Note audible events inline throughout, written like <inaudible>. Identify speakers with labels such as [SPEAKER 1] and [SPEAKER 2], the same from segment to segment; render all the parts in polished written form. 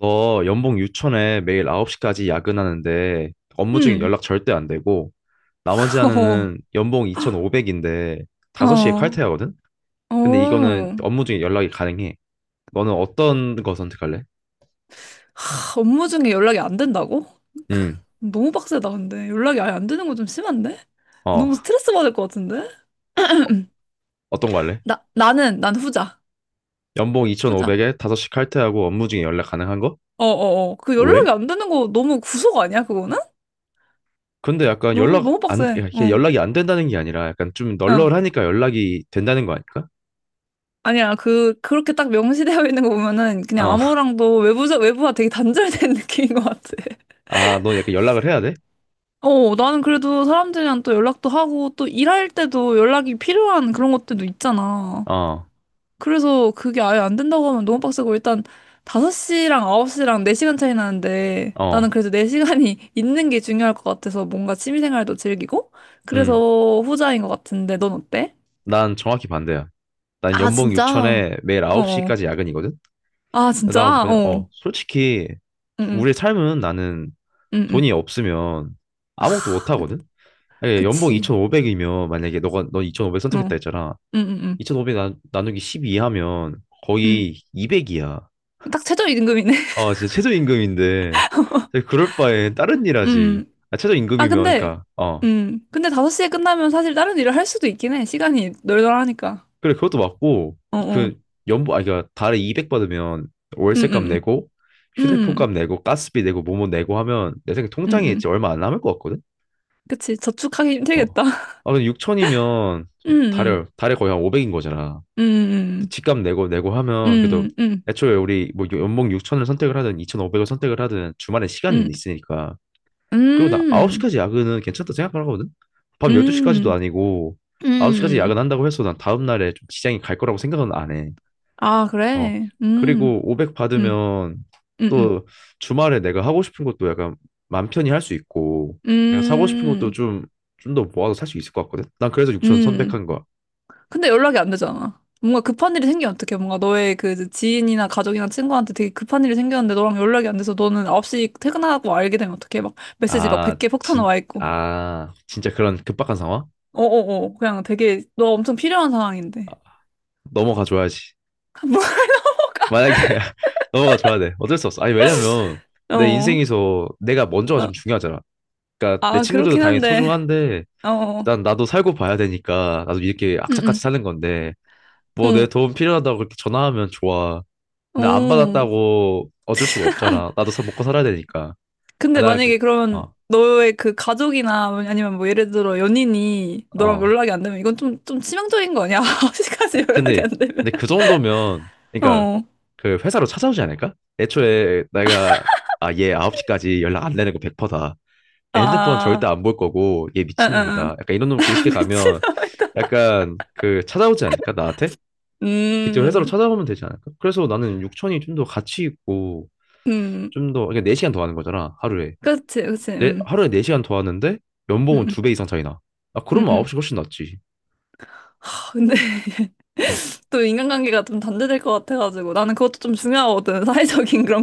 [SPEAKER 1] 너 연봉 6천에 매일 9시까지 야근하는데 업무 중에
[SPEAKER 2] 응.
[SPEAKER 1] 연락 절대 안 되고 나머지 하나는
[SPEAKER 2] <laughs>
[SPEAKER 1] 연봉 2,500인데
[SPEAKER 2] 어,
[SPEAKER 1] 5시에
[SPEAKER 2] 어,
[SPEAKER 1] 칼퇴하거든? 근데 이거는
[SPEAKER 2] 어.
[SPEAKER 1] 업무 중에 연락이 가능해. 너는 어떤 거 선택할래?
[SPEAKER 2] 하, 업무 중에 연락이 안 된다고?
[SPEAKER 1] 음,
[SPEAKER 2] <laughs> 너무 빡세다, 근데. 연락이 아예 안 되는 거 좀 심한데?
[SPEAKER 1] 어,
[SPEAKER 2] 너무 스트레스 받을 것 같은데?
[SPEAKER 1] 어떤 거 할래?
[SPEAKER 2] 난 후자.
[SPEAKER 1] 연봉
[SPEAKER 2] 후자.
[SPEAKER 1] 2,500에 5시 칼퇴하고 업무 중에 연락 가능한 거?
[SPEAKER 2] 어, 어, 어. 그 연락이
[SPEAKER 1] 왜?
[SPEAKER 2] 안 되는 거 너무 구속 아니야, 그거는?
[SPEAKER 1] 근데 약간
[SPEAKER 2] 너무,
[SPEAKER 1] 연락
[SPEAKER 2] 너무
[SPEAKER 1] 안,
[SPEAKER 2] 빡세.
[SPEAKER 1] 야, 이게
[SPEAKER 2] 응,
[SPEAKER 1] 연락이 안 된다는 게 아니라 약간 좀
[SPEAKER 2] 응.
[SPEAKER 1] 널널하니까 연락이 된다는 거 아닐까?
[SPEAKER 2] 아니야, 그렇게 딱 명시되어 있는 거 보면은 그냥
[SPEAKER 1] 어, <laughs>
[SPEAKER 2] 아무랑도 외부자, 외부와 되게 단절된 <laughs> 느낌인 것 같아.
[SPEAKER 1] 아, 너 약간 연락을 해야 돼?
[SPEAKER 2] 어, 나는 그래도 사람들이랑 또 연락도 하고 또 일할 때도 연락이 필요한 그런 것들도 있잖아.
[SPEAKER 1] 어,
[SPEAKER 2] 그래서 그게 아예 안 된다고 하면 너무 빡세고 일단 5시랑 9시랑 4시간 차이 나는데 나는
[SPEAKER 1] 어,
[SPEAKER 2] 그래도 네 시간이 <laughs> 있는 게 중요할 것 같아서 뭔가 취미생활도 즐기고
[SPEAKER 1] 응.
[SPEAKER 2] 그래서 후자인 것 같은데 넌 어때?
[SPEAKER 1] 난 정확히 반대야. 난
[SPEAKER 2] 아,
[SPEAKER 1] 연봉
[SPEAKER 2] 진짜?
[SPEAKER 1] 6천에 매일
[SPEAKER 2] 어. 어.
[SPEAKER 1] 9시까지 야근이거든?
[SPEAKER 2] 아,
[SPEAKER 1] 난
[SPEAKER 2] 진짜?
[SPEAKER 1] 그냥,
[SPEAKER 2] 어.
[SPEAKER 1] 솔직히,
[SPEAKER 2] 응, 응,
[SPEAKER 1] 우리 삶은 나는
[SPEAKER 2] 응, 응.
[SPEAKER 1] 돈이 없으면 아무것도 못
[SPEAKER 2] 그,
[SPEAKER 1] 하거든? 아니, 연봉
[SPEAKER 2] 그치.
[SPEAKER 1] 2,500이면, 너 2,500
[SPEAKER 2] 어.
[SPEAKER 1] 선택했다
[SPEAKER 2] 응,
[SPEAKER 1] 했잖아.
[SPEAKER 2] 응, 응.
[SPEAKER 1] 2,500 나누기 12 하면
[SPEAKER 2] 응.
[SPEAKER 1] 거의 200이야.
[SPEAKER 2] 딱 최저임금이네.
[SPEAKER 1] 아, 진짜 최저임금인데.
[SPEAKER 2] <laughs>
[SPEAKER 1] 그럴 바에 다른 일 하지.
[SPEAKER 2] 응.
[SPEAKER 1] 아,
[SPEAKER 2] 아,
[SPEAKER 1] 최저임금이면,
[SPEAKER 2] 근데,
[SPEAKER 1] 그러니까,
[SPEAKER 2] 음, 근데 5시에 끝나면 사실 다른 일을 할 수도 있긴 해. 시간이 널널하니까.
[SPEAKER 1] 그래, 그것도 맞고,
[SPEAKER 2] 어, 어.
[SPEAKER 1] 그, 그니까, 달에 200 받으면
[SPEAKER 2] 음,
[SPEAKER 1] 월세값
[SPEAKER 2] 음,
[SPEAKER 1] 내고,
[SPEAKER 2] 음,
[SPEAKER 1] 휴대폰값
[SPEAKER 2] 음,
[SPEAKER 1] 내고, 가스비 내고, 뭐뭐 내고 하면, 내 생각에
[SPEAKER 2] 음,
[SPEAKER 1] 통장에 있지
[SPEAKER 2] 음.
[SPEAKER 1] 얼마 안 남을 것 같거든?
[SPEAKER 2] 그치. 저축하기
[SPEAKER 1] 어.
[SPEAKER 2] 힘들겠다. <laughs>
[SPEAKER 1] 아, 근데 육천이면
[SPEAKER 2] 음, 음,
[SPEAKER 1] 달에 거의 한 500인 거잖아. 또
[SPEAKER 2] 음,
[SPEAKER 1] 집값 내고 하면, 그래도,
[SPEAKER 2] 음, 음,
[SPEAKER 1] 애초에 우리, 뭐, 연봉 6천을 선택을 하든, 2,500을 선택을 하든, 주말에 시간은
[SPEAKER 2] 음,
[SPEAKER 1] 있으니까. 그리고 나
[SPEAKER 2] 음,
[SPEAKER 1] 9시까지 야근은 괜찮다 생각하거든? 밤 12시까지도
[SPEAKER 2] 음,
[SPEAKER 1] 아니고,
[SPEAKER 2] 음.
[SPEAKER 1] 9시까지
[SPEAKER 2] 음.
[SPEAKER 1] 야근한다고 해서 난 다음날에 좀 지장이 갈 거라고 생각은 안 해.
[SPEAKER 2] 아,
[SPEAKER 1] 어.
[SPEAKER 2] 그래.
[SPEAKER 1] 그리고 500
[SPEAKER 2] 음,
[SPEAKER 1] 받으면
[SPEAKER 2] 음, 음,
[SPEAKER 1] 또 주말에 내가 하고 싶은 것도 약간 맘 편히 할 수 있고 내가 사고 싶은 것도
[SPEAKER 2] 음,
[SPEAKER 1] 좀 더 모아서 살 수 있을 것 같거든. 난 그래서 6천0 0
[SPEAKER 2] 음.
[SPEAKER 1] 한 거야.
[SPEAKER 2] 근데 연락이 안 되잖아. 뭔가 급한 일이 생기면 어떡해. 뭔가 너의 그 지인이나 가족이나 친구한테 되게 급한 일이 생겼는데 너랑 연락이 안 돼서 너는 9시 퇴근하고 알게 되면 어떡해. 막 메시지 막
[SPEAKER 1] 아,
[SPEAKER 2] 100개 폭탄
[SPEAKER 1] 진,
[SPEAKER 2] 와 있고.
[SPEAKER 1] 아, 진짜 그런 급박한 상황?
[SPEAKER 2] 어어어. 그냥 되게 너 엄청 필요한 상황인데.
[SPEAKER 1] 넘어가 줘야지.
[SPEAKER 2] <laughs> 뭐,
[SPEAKER 1] 만약에 <laughs> 넘어가 줘야 돼. 어쩔 수 없어. 아니, 왜냐면 내
[SPEAKER 2] 어.
[SPEAKER 1] 인생에서 내가 먼저가
[SPEAKER 2] 어.
[SPEAKER 1] 좀 중요하잖아. 그러니까 내
[SPEAKER 2] 아,
[SPEAKER 1] 친구들도
[SPEAKER 2] 그렇긴
[SPEAKER 1] 당연히
[SPEAKER 2] 한데.
[SPEAKER 1] 소중한데
[SPEAKER 2] 어.
[SPEAKER 1] 일단 나도 살고 봐야 되니까 나도 이렇게
[SPEAKER 2] 응,
[SPEAKER 1] 악착같이 사는 건데 뭐 내
[SPEAKER 2] 응.
[SPEAKER 1] 도움 필요하다고 그렇게 전화하면 좋아.
[SPEAKER 2] 어.
[SPEAKER 1] 근데 안
[SPEAKER 2] 어.
[SPEAKER 1] 받았다고 어쩔 수가 없잖아. 나도 사 먹고 살아야 되니까. 아,
[SPEAKER 2] 근데
[SPEAKER 1] 나 그,
[SPEAKER 2] 만약에 그러면
[SPEAKER 1] 어,
[SPEAKER 2] 너의 그 가족이나 뭐 아니면 뭐 예를 들어 연인이 너랑
[SPEAKER 1] 어.
[SPEAKER 2] 연락이 안 되면 이건 좀 치명적인 거 아니야? <laughs> 9시까지 연락이
[SPEAKER 1] 근데
[SPEAKER 2] 안 되면.
[SPEAKER 1] 근데 그 정도면 그러니까
[SPEAKER 2] 어.
[SPEAKER 1] 그 회사로 찾아오지 않을까? 애초에 내가 얘 9시까지 연락 안 되는 거 100%다. 얘 핸드폰
[SPEAKER 2] 아,
[SPEAKER 1] 절대 안 볼 거고 얘
[SPEAKER 2] 응, 응,
[SPEAKER 1] 미친놈이다.
[SPEAKER 2] 응.
[SPEAKER 1] 약간 이런 놈
[SPEAKER 2] 다
[SPEAKER 1] 이렇게 가면
[SPEAKER 2] 미친놈이다.
[SPEAKER 1] 약간 그 찾아오지 않을까? 나한테? 직접 회사로
[SPEAKER 2] 음,
[SPEAKER 1] 찾아오면 되지 않을까? 그래서 나는 6천이 좀 더 가치 있고
[SPEAKER 2] 음,
[SPEAKER 1] 좀 더, 그러니까 4시간 더 하는 거잖아, 하루에.
[SPEAKER 2] 그렇지, 그렇지,
[SPEAKER 1] 네, 하루에 4시간 더 하는데 연봉은
[SPEAKER 2] 음,
[SPEAKER 1] 2배 이상 차이 나. 아, 그러면
[SPEAKER 2] 음.
[SPEAKER 1] 9시 훨씬 낫지.
[SPEAKER 2] 하, 근데 <laughs>
[SPEAKER 1] 응.
[SPEAKER 2] 또 인간관계가 좀 단절될 것 같아가지고 나는 그것도 좀 중요하거든. <laughs> 사회적인 그런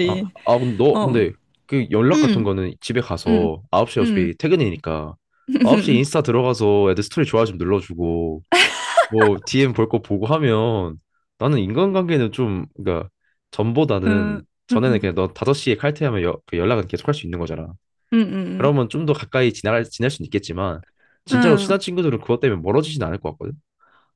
[SPEAKER 2] 어,
[SPEAKER 1] 근데 그 연락 같은
[SPEAKER 2] 음,
[SPEAKER 1] 거는 집에
[SPEAKER 2] 음,
[SPEAKER 1] 가서 9시
[SPEAKER 2] 음,
[SPEAKER 1] 어차피 퇴근이니까 9시 인스타
[SPEAKER 2] <laughs>
[SPEAKER 1] 들어가서 애들 스토리 좋아요 좀 눌러주고 뭐 DM 볼 거 보고 하면 나는 인간관계는 좀, 그러니까
[SPEAKER 2] 음,
[SPEAKER 1] 전보다는
[SPEAKER 2] 음,
[SPEAKER 1] 전에는
[SPEAKER 2] 음,
[SPEAKER 1] 그냥 너 5시에 칼퇴하면 그 연락은 계속 할 수 있는 거잖아.
[SPEAKER 2] 음, 음, 음,
[SPEAKER 1] 그러면 좀 더 가까이 지낼 수는 있겠지만 진짜로 친한
[SPEAKER 2] 음.
[SPEAKER 1] 친구들은 그것 때문에 멀어지진 않을 것 같거든.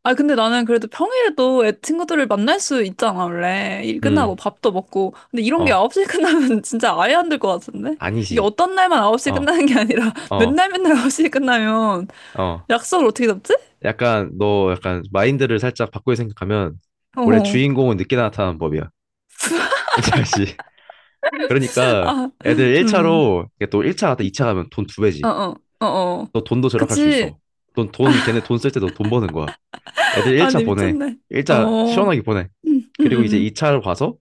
[SPEAKER 2] 아, 근데 나는 그래도 평일에도 애 친구들을 만날 수 있잖아, 원래. 일 끝나고
[SPEAKER 1] 음,
[SPEAKER 2] 밥도 먹고. 근데 이런 게
[SPEAKER 1] 어,
[SPEAKER 2] 9시 에 끝나면 <laughs> 진짜 아예 안 될 것 같은데? 이게
[SPEAKER 1] 아니지.
[SPEAKER 2] 어떤 날만 9시 에
[SPEAKER 1] 어,
[SPEAKER 2] 끝나는 게 아니라 <laughs>
[SPEAKER 1] 어,
[SPEAKER 2] 맨날 맨날 9시 에 끝나면
[SPEAKER 1] 어.
[SPEAKER 2] 약속을 어떻게 잡지?
[SPEAKER 1] 약간 너 약간 마인드를 살짝 바꾸게 생각하면
[SPEAKER 2] <laughs>
[SPEAKER 1] 원래
[SPEAKER 2] 어,
[SPEAKER 1] 주인공은 늦게 나타나는 법이야. <laughs> 사실. 그러니까
[SPEAKER 2] 아,
[SPEAKER 1] 애들
[SPEAKER 2] 음,
[SPEAKER 1] 1차로 또 1차 갔다 2차 가면 돈 두
[SPEAKER 2] 어,
[SPEAKER 1] 배지.
[SPEAKER 2] 어, 어, 어.
[SPEAKER 1] 너 돈도 절약할 수
[SPEAKER 2] 그치.
[SPEAKER 1] 있어. 넌 걔네 돈 쓸 때 너 돈 버는 거야. 애들 1차
[SPEAKER 2] 아니,
[SPEAKER 1] 보내.
[SPEAKER 2] 미쳤네. 어,
[SPEAKER 1] 1차 시원하게 보내.
[SPEAKER 2] 음,
[SPEAKER 1] 그리고 이제
[SPEAKER 2] 음,
[SPEAKER 1] 2차로 가서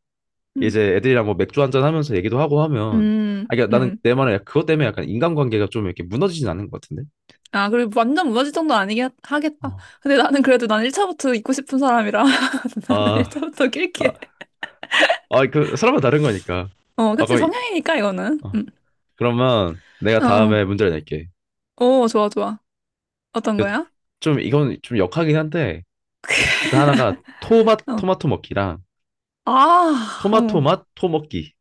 [SPEAKER 2] 음,
[SPEAKER 1] 이제 애들이랑 뭐 맥주 한 잔 하면서 얘기도 하고 하면 아, 그러니까 나는
[SPEAKER 2] 음.
[SPEAKER 1] 내 말은 그것 때문에 약간 인간관계가 좀 이렇게 무너지진 않는 것 같은데.
[SPEAKER 2] 아, 그리고 완전 무너질 정도는 아니긴 하겠다.
[SPEAKER 1] 어.
[SPEAKER 2] 근데 나는 그래도 난 1차부터 있고 싶은 사람이라 <laughs> 나는
[SPEAKER 1] 아,
[SPEAKER 2] 1차부터 낄게.
[SPEAKER 1] 아, 아, 그 사람마다 다른 거니까.
[SPEAKER 2] 어,
[SPEAKER 1] 아,
[SPEAKER 2] 그치,
[SPEAKER 1] 거의.
[SPEAKER 2] 성향이니까, 이거는.
[SPEAKER 1] 어.
[SPEAKER 2] 음.
[SPEAKER 1] 그러면 내가
[SPEAKER 2] 어, 어.
[SPEAKER 1] 다음에 문제를 낼게.
[SPEAKER 2] 오, 좋아, 좋아. 어떤
[SPEAKER 1] 그,
[SPEAKER 2] 거야?
[SPEAKER 1] 좀 이건 좀 역하긴 한데 일단 하나가 토마
[SPEAKER 2] 어.
[SPEAKER 1] 토마토 먹기랑
[SPEAKER 2] 아,
[SPEAKER 1] 토마토
[SPEAKER 2] 어.
[SPEAKER 1] 맛 토먹기.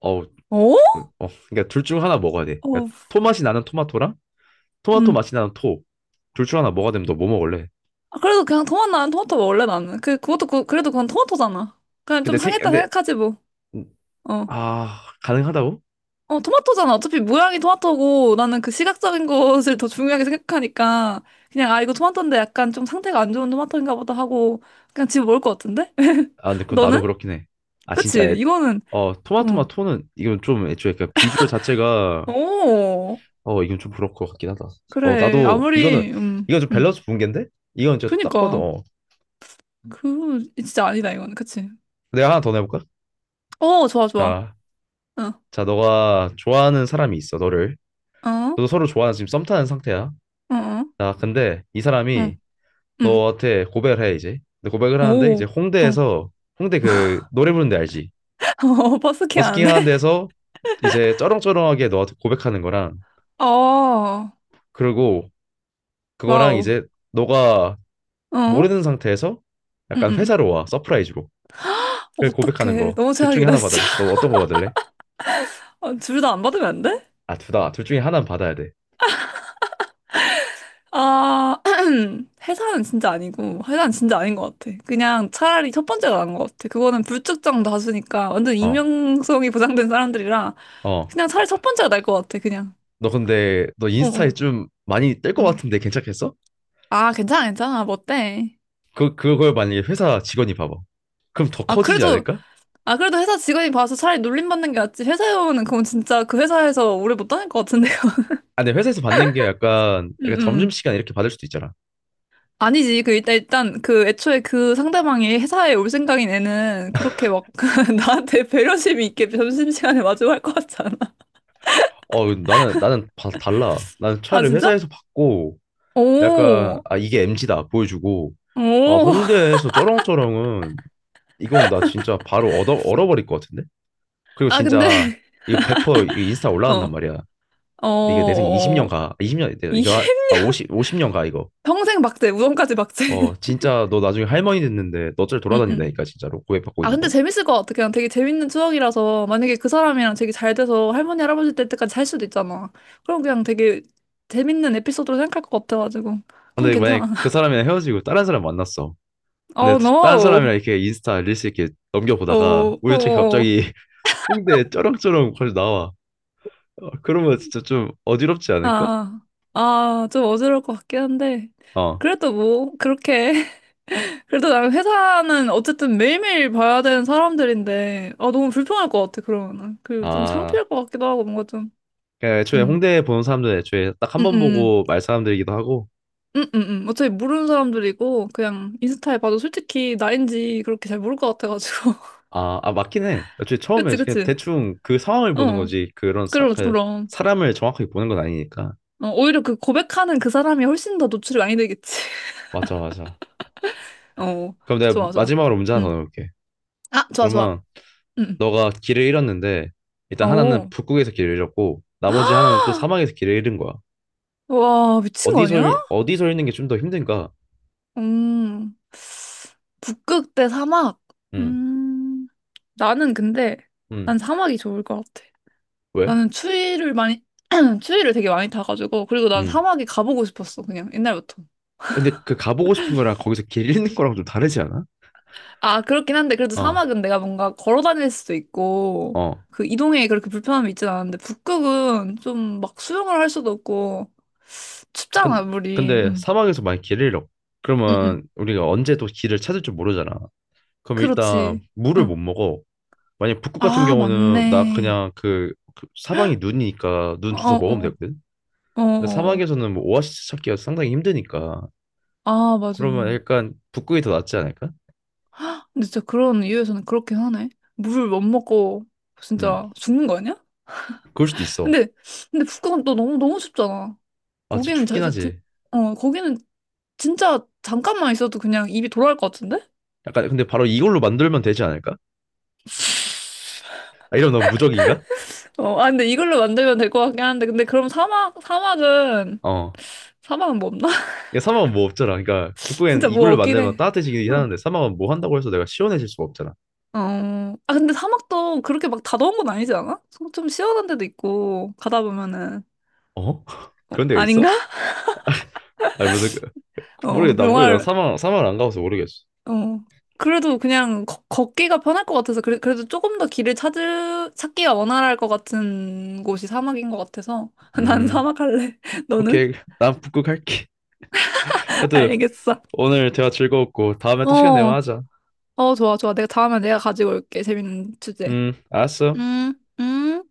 [SPEAKER 1] 어, 어,
[SPEAKER 2] 어?
[SPEAKER 1] 그러니까 둘 중 하나 먹어야 돼.
[SPEAKER 2] 어,
[SPEAKER 1] 그러니까 토맛이 나는 토마토랑 토마토
[SPEAKER 2] 음.
[SPEAKER 1] 맛이 나는 토. 둘 중 하나 먹어야 되면 너 뭐 먹을래?
[SPEAKER 2] 아, 그래도 그냥 토마토, 나는 토마토 먹을래, 나는. 그래도 그건 토마토잖아. 그냥 좀 상했다
[SPEAKER 1] 근데
[SPEAKER 2] 생각하지, 뭐.
[SPEAKER 1] 음,
[SPEAKER 2] 어.
[SPEAKER 1] 아 가능하다고?
[SPEAKER 2] 어, 토마토잖아. 어차피 모양이 토마토고, 나는 그 시각적인 것을 더 중요하게 생각하니까, 그냥, 아, 이거 토마토인데 약간 좀 상태가 안 좋은 토마토인가 보다 하고, 그냥 집에 먹을 것 같은데? <laughs>
[SPEAKER 1] 아, 근데 그건 나도
[SPEAKER 2] 너는?
[SPEAKER 1] 그렇긴 해. 아,
[SPEAKER 2] 그치,
[SPEAKER 1] 진짜 애,
[SPEAKER 2] 이거는,
[SPEAKER 1] 어 토마토 맛
[SPEAKER 2] 응.
[SPEAKER 1] 토는 이건 좀 애초에 그 비주얼 자체가
[SPEAKER 2] 오,
[SPEAKER 1] 어, 이건 좀 부러울 것 같긴 하다. 어,
[SPEAKER 2] 그래.
[SPEAKER 1] 나도 이거는
[SPEAKER 2] 아무리,
[SPEAKER 1] 이건 좀
[SPEAKER 2] 음.
[SPEAKER 1] 밸런스 붕괴인데? 이건 진짜 딱 봐도
[SPEAKER 2] 그니까
[SPEAKER 1] 어.
[SPEAKER 2] 그 진짜 아니다 이거는 그치?
[SPEAKER 1] 내가 하나 더 내볼까?
[SPEAKER 2] 어 좋아 좋아
[SPEAKER 1] 자,
[SPEAKER 2] 응
[SPEAKER 1] 자, 너가 좋아하는 사람이 있어, 너를.
[SPEAKER 2] 어 <laughs> 어?
[SPEAKER 1] 너도 서로 좋아하는 지금 썸 타는 상태야.
[SPEAKER 2] 어?
[SPEAKER 1] 자, 근데 이
[SPEAKER 2] 응
[SPEAKER 1] 사람이
[SPEAKER 2] 응
[SPEAKER 1] 너한테 고백을 해 이제. 근데 고백을 하는데 이제
[SPEAKER 2] 오 어?
[SPEAKER 1] 홍대 그 노래 부르는 데 알지?
[SPEAKER 2] <laughs> 어? 버스킹
[SPEAKER 1] 버스킹 하는
[SPEAKER 2] 하는데
[SPEAKER 1] 데서 이제 쩌렁쩌렁하게 너한테 고백하는 거랑
[SPEAKER 2] <laughs> 어
[SPEAKER 1] 그리고 그거랑
[SPEAKER 2] 와우
[SPEAKER 1] 이제 너가
[SPEAKER 2] 어
[SPEAKER 1] 모르는 상태에서 약간
[SPEAKER 2] 응응
[SPEAKER 1] 회사로 와 서프라이즈로. 그 고백하는
[SPEAKER 2] 어떡해
[SPEAKER 1] 거.
[SPEAKER 2] 너무
[SPEAKER 1] 둘 중에
[SPEAKER 2] 최악이다
[SPEAKER 1] 하나 받아야
[SPEAKER 2] 진짜
[SPEAKER 1] 돼. 너 어떤 거 받을래?
[SPEAKER 2] <laughs> 둘 다 안 받으면 안 돼?
[SPEAKER 1] 아, 둘 다. 둘 중에 하나는 받아야 돼.
[SPEAKER 2] 아 <clears throat> 회사는 진짜 아니고 회사는 진짜 아닌 것 같아 그냥 차라리 첫 번째가 나은 것 같아 그거는 불특정 다수니까 완전
[SPEAKER 1] 어.
[SPEAKER 2] 익명성이 보장된 사람들이라
[SPEAKER 1] 어.
[SPEAKER 2] 그냥 차라리 첫 번째가 나을 것 같아 그냥
[SPEAKER 1] 너
[SPEAKER 2] 어어
[SPEAKER 1] 인스타에 좀 많이 뜰 것 같은데 괜찮겠어?
[SPEAKER 2] 아, 괜찮아, 괜찮아. 뭐 어때?
[SPEAKER 1] 그걸 만약에 회사 직원이 봐봐. 그럼 더
[SPEAKER 2] 아,
[SPEAKER 1] 커지지
[SPEAKER 2] 그래도,
[SPEAKER 1] 않을까?
[SPEAKER 2] 아, 그래도 회사 직원이 봐서 차라리 놀림받는 게 낫지. 회사에 오면 그건 진짜 그 회사에서 오래 못 다닐 것 같은데요. <laughs>
[SPEAKER 1] 아, 근데 회사에서 받는 게
[SPEAKER 2] 음,
[SPEAKER 1] 약간
[SPEAKER 2] 음.
[SPEAKER 1] 점심시간 이렇게 받을 수도 있잖아.
[SPEAKER 2] 아니지. 그, 일단, 그, 애초에 그 상대방이 회사에 올 생각인 애는 그렇게 막, <laughs> 나한테 배려심이 있게 점심시간에 마주할 것 같지 않아?
[SPEAKER 1] 어, 나는 달라. 나는
[SPEAKER 2] 아,
[SPEAKER 1] 차라리
[SPEAKER 2] 진짜?
[SPEAKER 1] 회사에서 받고 약간
[SPEAKER 2] 오,
[SPEAKER 1] 아 이게 MG다 보여주고 아
[SPEAKER 2] 오.
[SPEAKER 1] 홍대에서 쩌렁쩌렁은 이건 나 진짜 바로 얻어 얼어버릴 것 같은데. 그리고
[SPEAKER 2] 아, 근데,
[SPEAKER 1] 진짜
[SPEAKER 2] <laughs>
[SPEAKER 1] 이거 100% 이거 인스타
[SPEAKER 2] 어,
[SPEAKER 1] 올라간단 말이야.
[SPEAKER 2] 어,
[SPEAKER 1] 이게 내 생에 20년
[SPEAKER 2] 어.
[SPEAKER 1] 가. 20년
[SPEAKER 2] 이,
[SPEAKER 1] 이거 하-
[SPEAKER 2] <laughs>
[SPEAKER 1] 아 50년 가 이거.
[SPEAKER 2] 평생 박제, 우정까지 박제.
[SPEAKER 1] 어
[SPEAKER 2] <laughs>
[SPEAKER 1] 진짜 너 나중에 할머니 됐는데 너 어쩔
[SPEAKER 2] 응응.
[SPEAKER 1] 돌아다닌다니까 진짜로 고해받고
[SPEAKER 2] 아,
[SPEAKER 1] 있는
[SPEAKER 2] 근데
[SPEAKER 1] 거.
[SPEAKER 2] 재밌을 것 같아. 그냥 되게 재밌는 추억이라서 만약에 그 사람이랑 되게 잘 돼서 할머니, 할아버지 될 때까지 살 수도 있잖아. 그럼 그냥 되게 재밌는 에피소드로 생각할 것 같아가지고. 그럼
[SPEAKER 1] 근데 만약
[SPEAKER 2] 괜찮아.
[SPEAKER 1] 그
[SPEAKER 2] <laughs>
[SPEAKER 1] 사람이랑 헤어지고 다른 사람 만났어. 근데
[SPEAKER 2] Oh
[SPEAKER 1] 다른
[SPEAKER 2] no.
[SPEAKER 1] 사람이랑 이렇게 인스타 릴스 이렇게
[SPEAKER 2] 어,
[SPEAKER 1] 넘겨보다가
[SPEAKER 2] 어, 어.
[SPEAKER 1] 우연찮게
[SPEAKER 2] 어, 어.
[SPEAKER 1] 갑자기 <laughs> 홍대 쩌렁쩌렁 거기 나와. 어, 그러면 진짜 좀 어지럽지
[SPEAKER 2] 아,
[SPEAKER 1] 않을까?
[SPEAKER 2] 아, 아, 좀 어지러울 것 같긴 한데.
[SPEAKER 1] 어.
[SPEAKER 2] 그래도 뭐, 그렇게. <laughs> 그래도 나는 회사는 어쨌든 매일매일 봐야 되는 사람들인데, 아, 너무 불편할 것 같아, 그러면은. 그리고 좀
[SPEAKER 1] 아.
[SPEAKER 2] 창피할 것 같기도 하고, 뭔가 좀.
[SPEAKER 1] 그러니까 애초에
[SPEAKER 2] 음,
[SPEAKER 1] 홍대 보는 사람들 애초에 딱 한 번
[SPEAKER 2] 음.
[SPEAKER 1] 보고 말 사람들이기도 하고
[SPEAKER 2] 어차피 모르는 사람들이고, 그냥 인스타에 봐도 솔직히 나인지 그렇게 잘 모를 것 같아가지고. <laughs>
[SPEAKER 1] 아 맞긴 해. 애초에 처음에
[SPEAKER 2] 그치,
[SPEAKER 1] 그냥
[SPEAKER 2] 그치.
[SPEAKER 1] 대충 그 상황을 보는
[SPEAKER 2] 어.
[SPEAKER 1] 거지.
[SPEAKER 2] 그럼,
[SPEAKER 1] 그
[SPEAKER 2] 그럼.
[SPEAKER 1] 사람을 정확하게 보는 건 아니니까.
[SPEAKER 2] 어, 오히려 그 고백하는 그 사람이 훨씬 더 노출이 많이 되겠지.
[SPEAKER 1] 맞아, 맞아.
[SPEAKER 2] <laughs> 어.
[SPEAKER 1] 그럼 내가
[SPEAKER 2] 좋아, 좋아.
[SPEAKER 1] 마지막으로 문제 하나
[SPEAKER 2] 응.
[SPEAKER 1] 더 넣을게.
[SPEAKER 2] 아, 좋아, 좋아.
[SPEAKER 1] 그러면
[SPEAKER 2] 응.
[SPEAKER 1] 너가 길을 잃었는데
[SPEAKER 2] 응.
[SPEAKER 1] 일단 하나는
[SPEAKER 2] 오.
[SPEAKER 1] 북극에서 길을 잃었고 나머지 하나는 또 사막에서
[SPEAKER 2] <gasps>
[SPEAKER 1] 길을 잃은 거야.
[SPEAKER 2] 와, 미친 거 아니야?
[SPEAKER 1] 어디서 잃는 게 좀 더 힘든가?
[SPEAKER 2] 음. 북극 대 사막.
[SPEAKER 1] 응
[SPEAKER 2] 음. 나는 근데,
[SPEAKER 1] 응
[SPEAKER 2] 난 사막이 좋을 것 같아.
[SPEAKER 1] 왜?
[SPEAKER 2] 나는 추위를 많이, <clears throat> 추위를 되게 많이 타가지고, 그리고 난
[SPEAKER 1] 응
[SPEAKER 2] 사막에 가보고 싶었어, 그냥, 옛날부터.
[SPEAKER 1] 근데 그 가보고 싶은 거랑 거기서 길 잃는 거랑 좀 다르지 않아?
[SPEAKER 2] 아, 그렇긴 한데, 그래도
[SPEAKER 1] 어,
[SPEAKER 2] 사막은 내가 뭔가 걸어 다닐 수도 있고,
[SPEAKER 1] 어.
[SPEAKER 2] 그 이동에 그렇게 불편함이 있진 않은데, 북극은 좀 막 수영을 할 수도 없고,
[SPEAKER 1] 근-
[SPEAKER 2] 춥잖아, 물이.
[SPEAKER 1] 근데
[SPEAKER 2] 응,
[SPEAKER 1] 사막에서 만약 길을 잃어.
[SPEAKER 2] 응, 응.
[SPEAKER 1] 그러면 우리가 언제 또 길을 찾을 줄 모르잖아. 그럼 일단
[SPEAKER 2] 그렇지.
[SPEAKER 1] 물을
[SPEAKER 2] 응.
[SPEAKER 1] 못 먹어. 만약 북극 같은
[SPEAKER 2] 아,
[SPEAKER 1] 경우는 나
[SPEAKER 2] 맞네.
[SPEAKER 1] 그냥 그 사방이 눈이니까 눈
[SPEAKER 2] 어,
[SPEAKER 1] 주워 먹으면
[SPEAKER 2] 어,
[SPEAKER 1] 되거든.
[SPEAKER 2] 어,
[SPEAKER 1] 근데
[SPEAKER 2] 어.
[SPEAKER 1] 사막에서는 뭐 오아시스 찾기가 상당히 힘드니까
[SPEAKER 2] 아, 맞아.
[SPEAKER 1] 그러면 약간 북극이 더 낫지 않을까?
[SPEAKER 2] 근데 진짜 그런 이유에서는 그렇긴 하네. 물 못 먹고,
[SPEAKER 1] 음,
[SPEAKER 2] 진짜 죽는 거 아니야?
[SPEAKER 1] 그럴 수도 있어.
[SPEAKER 2] 근데 근데 북극은 또 너무 너무 춥잖아.
[SPEAKER 1] 아, 진짜
[SPEAKER 2] 거기는
[SPEAKER 1] 춥긴
[SPEAKER 2] 진짜
[SPEAKER 1] 하지.
[SPEAKER 2] 어 거기는 진짜 잠깐만 있어도 그냥 입이 돌아갈 것 같은데?
[SPEAKER 1] 약간 근데 바로 이걸로 만들면 되지 않을까? 아, 이러면 너무 무적인가?
[SPEAKER 2] 어, 아 근데 이걸로 만들면 될 것 같긴 한데 근데 그럼 사막 사막은
[SPEAKER 1] 어.
[SPEAKER 2] 사막은 뭐 없나? <laughs>
[SPEAKER 1] 이게 사막은 뭐 없잖아. 그러니까 북극엔
[SPEAKER 2] 진짜 뭐
[SPEAKER 1] 이걸로
[SPEAKER 2] 없긴
[SPEAKER 1] 만들면
[SPEAKER 2] 해.
[SPEAKER 1] 따뜻해지긴
[SPEAKER 2] 어.
[SPEAKER 1] 하는데 사막은 뭐 한다고 해서 내가 시원해질 수가 없잖아.
[SPEAKER 2] 어, 아 근데 사막도 그렇게 막 다 더운 건 아니지 않아? 좀 시원한 데도 있고 가다 보면은
[SPEAKER 1] 어? <laughs>
[SPEAKER 2] 어,
[SPEAKER 1] 그런 데가
[SPEAKER 2] 아닌가?
[SPEAKER 1] 있어?
[SPEAKER 2] <laughs>
[SPEAKER 1] 아니 무슨
[SPEAKER 2] 어,
[SPEAKER 1] 모르겠나
[SPEAKER 2] 영화를
[SPEAKER 1] 사막을 안 가봐서 모르겠어.
[SPEAKER 2] 어. 그래도 그냥 걷기가 편할 것 같아서 그래, 그래도 조금 더 길을 찾을 찾기가 원활할 것 같은 곳이 사막인 것 같아서 <laughs> 난
[SPEAKER 1] 음.
[SPEAKER 2] 사막 할래. <laughs> 너는?
[SPEAKER 1] 오케이, 난 북극 할게.
[SPEAKER 2] <laughs>
[SPEAKER 1] 하여튼
[SPEAKER 2] 알겠어.
[SPEAKER 1] 오늘 대화 즐거웠고 다음에 또 시간 내면
[SPEAKER 2] 어,
[SPEAKER 1] 하자.
[SPEAKER 2] 어, 좋아, 좋아. 내가 다음에 내가 가지고 올게. 재밌는 주제.
[SPEAKER 1] 알았어.
[SPEAKER 2] 음, 음.